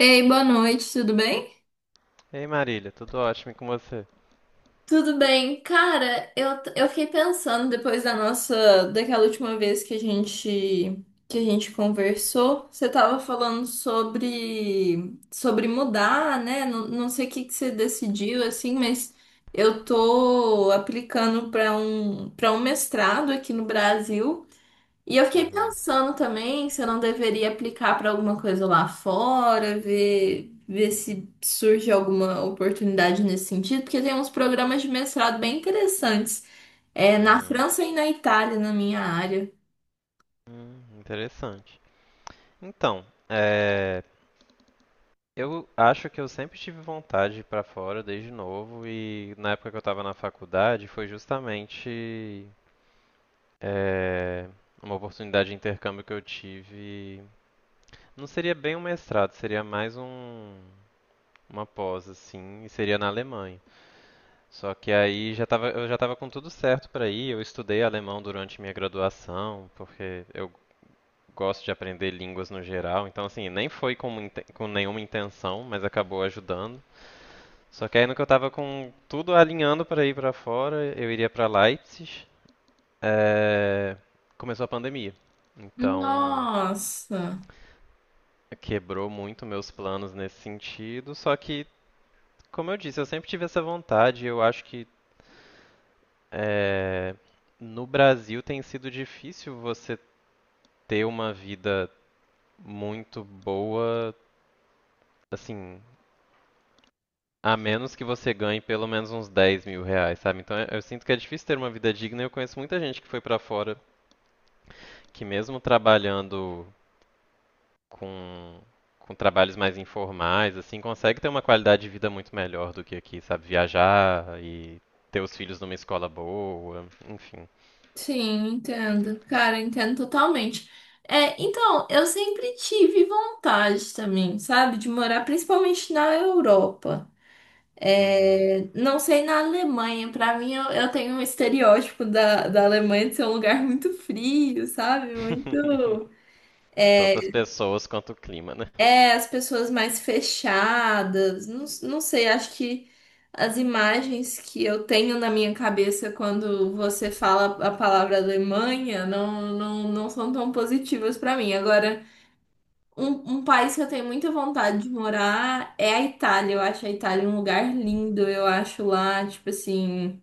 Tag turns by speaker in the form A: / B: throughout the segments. A: Ei, boa noite, tudo bem?
B: Ei Marília, tudo ótimo e com você?
A: Tudo bem, cara, eu fiquei pensando depois daquela última vez que a gente conversou, você tava falando sobre mudar, né? Não sei o que que você decidiu assim, mas eu tô aplicando para um mestrado aqui no Brasil. E eu fiquei
B: Uhum,
A: pensando também se eu não deveria aplicar para alguma coisa lá fora, ver se surge alguma oportunidade nesse sentido, porque tem uns programas de mestrado bem interessantes, na
B: uhum.
A: França e na Itália, na minha área.
B: Interessante. Então, eu acho que eu sempre tive vontade de ir pra fora desde novo e na época que eu tava na faculdade foi justamente é, uma oportunidade de intercâmbio que eu tive. Não seria bem um mestrado, seria mais um, uma pós assim, e seria na Alemanha. Só que aí já tava, eu já estava com tudo certo para ir. Eu estudei alemão durante minha graduação, porque eu gosto de aprender línguas no geral, então assim, nem foi com, com nenhuma intenção, mas acabou ajudando. Só que aí no que eu tava com tudo alinhando para ir para fora, eu iria para Leipzig, eh, começou a pandemia. Então,
A: Nossa,
B: quebrou muito meus planos nesse sentido, só que, como eu disse, eu sempre tive essa vontade, eu acho que eh, no Brasil tem sido difícil você ter uma vida muito boa, assim. A menos que você ganhe pelo menos uns R$ 10.000, sabe? Então eu sinto que é difícil ter uma vida digna. Eu conheço muita gente que foi pra fora, que mesmo trabalhando com, com trabalhos mais informais, assim, consegue ter uma qualidade de vida muito melhor do que aqui, sabe? Viajar e ter os filhos numa escola boa, enfim.
A: sim, entendo. Cara, entendo totalmente. É, então, eu sempre tive vontade também, sabe, de morar principalmente na Europa.
B: Uhum.
A: Não sei na Alemanha, pra mim eu tenho um estereótipo da Alemanha de ser um lugar muito frio, sabe? Muito.
B: Tanto as pessoas quanto o clima, né?
A: É, as pessoas mais fechadas, não sei, acho que as imagens que eu tenho na minha cabeça quando você fala a palavra Alemanha não são tão positivas pra mim. Agora, um país que eu tenho muita vontade de morar é a Itália. Eu acho a Itália um lugar lindo, eu acho lá, tipo assim.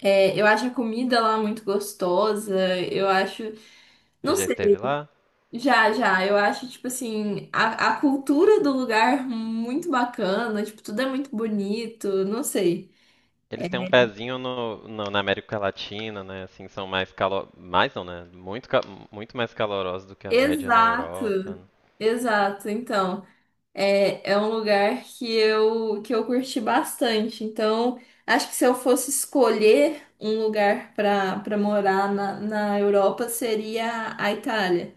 A: É, eu acho a comida lá muito gostosa. Eu acho.
B: Você
A: Não
B: já
A: sei,
B: esteve lá?
A: já, já. Eu acho, tipo assim, a cultura do lugar muito bacana. Tipo, tudo é muito bonito. Não sei.
B: Eles têm um pezinho no, na América Latina, né? Assim, são mais calor... Mais não, né? Muito, muito mais calorosos do que a média na Europa,
A: Exato,
B: né?
A: exato. Então, é, é um lugar que eu curti bastante. Então, acho que se eu fosse escolher um lugar para morar na Europa, seria a Itália.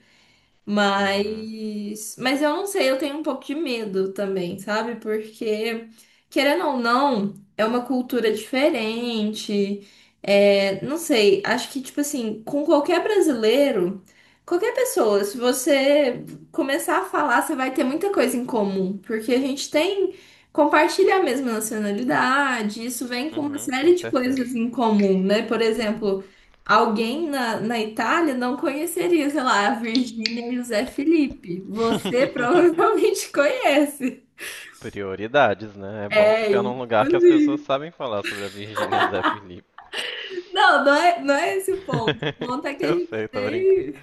B: Uhum.
A: Mas eu não sei, eu tenho um pouco de medo também, sabe? Porque, querendo ou não, é uma cultura diferente. É, não sei, acho que, tipo assim, com qualquer brasileiro, qualquer pessoa, se você começar a falar, você vai ter muita coisa em comum. Porque a gente tem, compartilha a mesma nacionalidade, isso vem com uma
B: Uhum,
A: série
B: com
A: de
B: certeza.
A: coisas em comum, né? Por exemplo. Alguém na Itália não conheceria, sei lá, a Virgínia e o Zé Felipe. Você provavelmente conhece.
B: Prioridades, né? É bom
A: É,
B: ficar num lugar que as pessoas sabem falar sobre a Virgínia Zé Felipe.
A: Não é esse o ponto. O ponto é que a
B: Eu
A: gente
B: sei, tô brincando.
A: tem,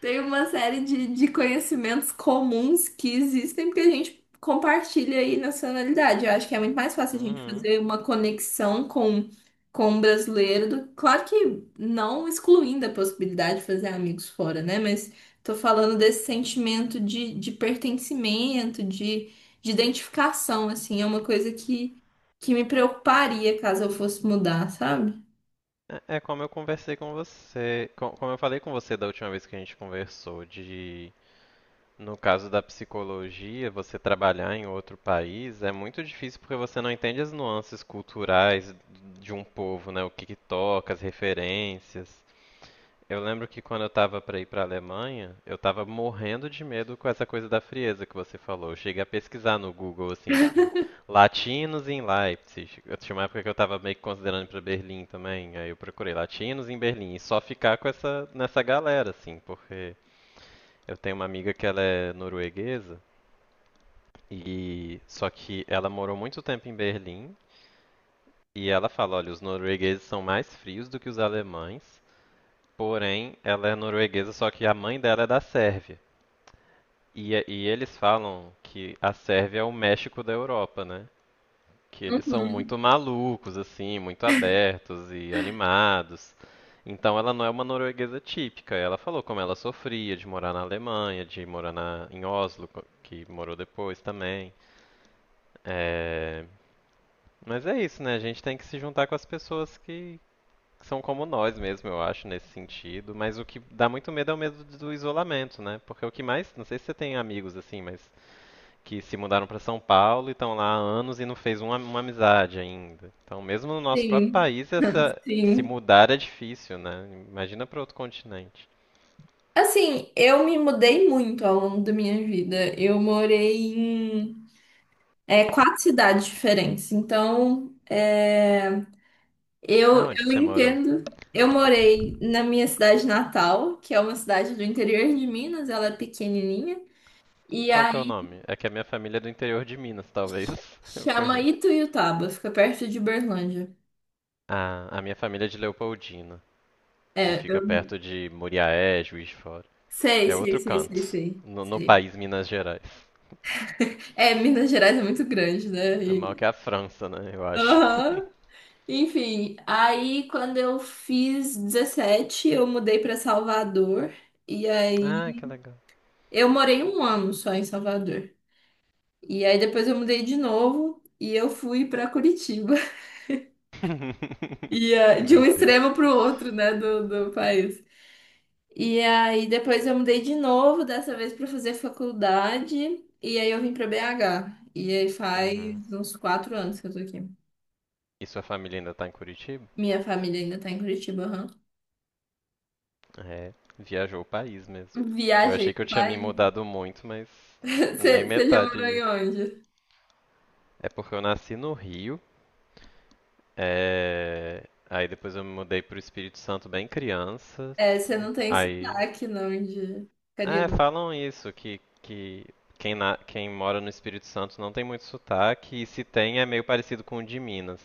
A: tem uma série de conhecimentos comuns que existem porque a gente compartilha aí nacionalidade. Eu acho que é muito mais fácil a gente
B: Uhum.
A: fazer uma conexão com um brasileiro. Do- claro que não excluindo a possibilidade de fazer amigos fora, né? Mas tô falando desse sentimento de pertencimento, de identificação, assim. É uma coisa que me preocuparia caso eu fosse mudar, sabe?
B: É como eu conversei com você, como eu falei com você da última vez que a gente conversou, de... No caso da psicologia, você trabalhar em outro país é muito difícil porque você não entende as nuances culturais de um povo, né? O que que toca, as referências. Eu lembro que quando eu tava pra ir pra Alemanha, eu tava morrendo de medo com essa coisa da frieza que você falou. Eu cheguei a pesquisar no Google, assim, tipo, latinos em Leipzig. Eu tinha uma época que eu tava meio que considerando ir pra Berlim também, aí eu procurei latinos em Berlim e só ficar com essa, nessa galera, assim, porque eu tenho uma amiga que ela é norueguesa, e só que ela morou muito tempo em Berlim, e ela fala, olha, os noruegueses são mais frios do que os alemães, porém ela é norueguesa, só que a mãe dela é da Sérvia. E, e eles falam que a Sérvia é o México da Europa, né? Que eles são
A: Uhum.
B: muito malucos, assim, muito abertos e animados. Então ela não é uma norueguesa típica. Ela falou como ela sofria de morar na Alemanha, de morar na, em Oslo, que morou depois também. É, mas é isso, né? A gente tem que se juntar com as pessoas que são como nós mesmo, eu acho, nesse sentido. Mas o que dá muito medo é o medo do isolamento, né? Porque o que mais, não sei se você tem amigos assim, mas que se mudaram para São Paulo e estão lá há anos e não fez uma amizade ainda. Então, mesmo no nosso próprio
A: Sim,
B: país, essa se
A: sim.
B: mudar é difícil, né? Imagina para outro continente.
A: Assim, eu me mudei muito ao longo da minha vida. Eu morei em 4 cidades diferentes. Então, é,
B: Aonde que
A: eu
B: você morou?
A: entendo. Eu morei na minha cidade natal, que é uma cidade do interior de Minas, ela é pequenininha. E
B: Qual que é o
A: aí
B: nome? É que a minha família é do interior de Minas, talvez eu
A: chama
B: conheço.
A: Ituiutaba, fica perto de Uberlândia.
B: Ah, a minha família é de Leopoldina, que
A: É,
B: fica
A: eu
B: perto de Muriaé, Juiz de Fora.
A: sei,
B: É
A: sei,
B: outro
A: sei,
B: canto,
A: sei, sei,
B: no, no
A: sei.
B: país Minas Gerais.
A: É, Minas Gerais é muito grande, né?
B: É mal
A: E...
B: que a França, né, eu acho.
A: Aham. Enfim, aí quando eu fiz 17 eu mudei para Salvador. E
B: Ah,
A: aí
B: que legal.
A: eu morei um ano só em Salvador. E aí depois eu mudei de novo e eu fui para Curitiba. E ah, de um
B: Meu Deus.
A: extremo para o outro, né, do país. E aí depois eu mudei de novo, dessa vez para fazer faculdade. E aí eu vim para BH. E aí faz
B: Uhum.
A: uns 4 anos que eu tô aqui.
B: E sua família ainda tá em Curitiba?
A: Minha família ainda tá em Curitiba, aham.
B: É, viajou o país mesmo. Eu
A: Viajei,
B: achei que eu tinha me mudado muito, mas nem
A: você já
B: metade
A: morou em
B: disso.
A: onde?
B: É porque eu nasci no Rio, aí depois eu me mudei pro Espírito Santo bem criança,
A: É, você não tem
B: aí...
A: sotaque, não, de
B: É,
A: carioca.
B: falam isso, que quem, quem mora no Espírito Santo não tem muito sotaque, e se tem é meio parecido com o de Minas.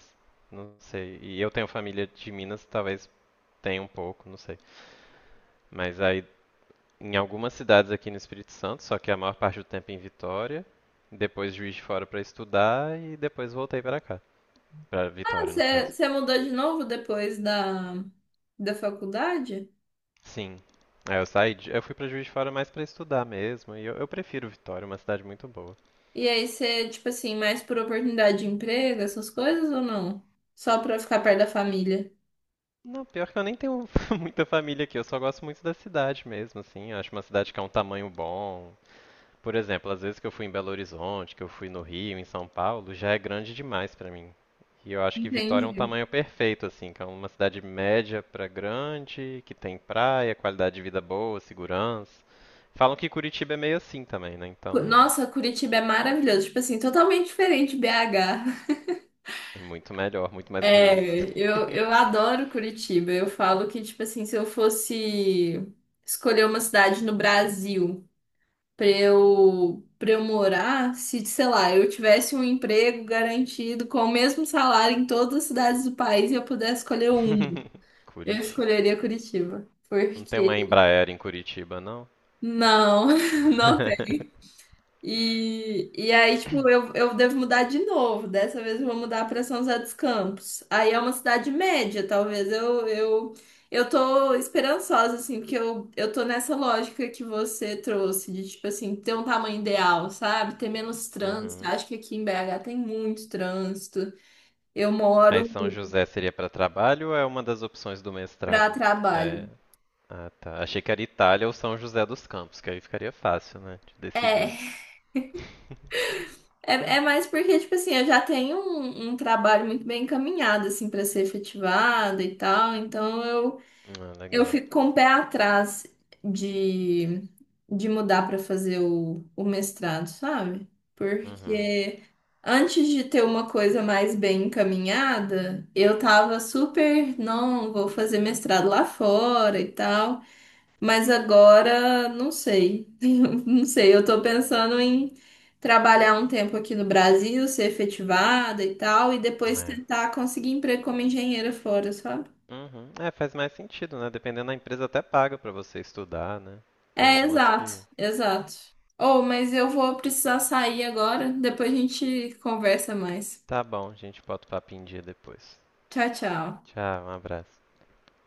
B: Não sei. E eu tenho família de Minas, talvez tenha um pouco, não sei. Mas aí, em algumas cidades aqui no Espírito Santo, só que a maior parte do tempo em Vitória, depois Juiz de Fora pra estudar e depois voltei pra cá, pra
A: Ah,
B: Vitória no
A: você
B: caso.
A: você mudou de novo depois da faculdade?
B: Sim. Aí eu saí, de, eu fui pra Juiz de Fora mais pra estudar mesmo, e eu prefiro Vitória, é uma cidade muito boa.
A: E aí você, tipo assim, mais por oportunidade de emprego, essas coisas ou não? Só pra ficar perto da família?
B: Não, pior que eu nem tenho muita família aqui, eu só gosto muito da cidade mesmo, assim. Eu acho uma cidade que é um tamanho bom. Por exemplo, às vezes que eu fui em Belo Horizonte, que eu fui no Rio, em São Paulo, já é grande demais pra mim. E eu acho que Vitória é um
A: Entendi.
B: tamanho perfeito, assim, que é uma cidade média pra grande, que tem praia, qualidade de vida boa, segurança. Falam que Curitiba é meio assim também, né? Então,
A: Nossa, Curitiba é maravilhoso. Tipo assim, totalmente diferente de BH.
B: é muito melhor, muito mais bonito.
A: É, eu adoro Curitiba. Eu falo que, tipo assim, se eu fosse escolher uma cidade no Brasil. Pra eu morar, se, sei lá, eu tivesse um emprego garantido com o mesmo salário em todas as cidades do país e eu pudesse escolher um, eu
B: Curitiba.
A: escolheria Curitiba.
B: Não tem uma
A: Porque
B: Embraer em Curitiba, não?
A: não, não Tipo, eu devo mudar de novo. Dessa vez eu vou mudar para São José dos Campos. Aí é uma cidade média, talvez. Eu tô esperançosa, assim, porque eu tô nessa lógica que você trouxe, de, tipo assim, ter um tamanho ideal, sabe? Ter menos trânsito.
B: Uhum.
A: Acho que aqui em BH tem muito trânsito. Eu
B: Aí
A: moro
B: São José seria para trabalho ou é uma das opções do mestrado?
A: para
B: É.
A: trabalho.
B: Ah, tá. Achei que era Itália ou São José dos Campos, que aí ficaria fácil, né, de decidir.
A: É, é mais porque, tipo assim, eu já tenho um trabalho muito bem encaminhado, assim, para ser efetivado e tal, então
B: Ah,
A: eu
B: legal.
A: fico com o pé atrás de, de mudar para fazer o mestrado, sabe?
B: Uhum.
A: Porque antes de ter uma coisa mais bem encaminhada, eu tava super, não, vou fazer mestrado lá fora e tal. Mas agora, não sei. Não sei, eu tô pensando em trabalhar um tempo aqui no Brasil, ser efetivada e tal, e depois
B: É.
A: tentar conseguir emprego como engenheira fora, sabe?
B: Uhum. É, faz mais sentido, né? Dependendo da empresa até paga para você estudar, né? Tem
A: É,
B: algumas
A: exato,
B: que...
A: exato. Oh, mas eu vou precisar sair agora, depois a gente conversa mais.
B: Tá bom, a gente bota o papo em dia depois.
A: Tchau, tchau.
B: Tchau, um abraço.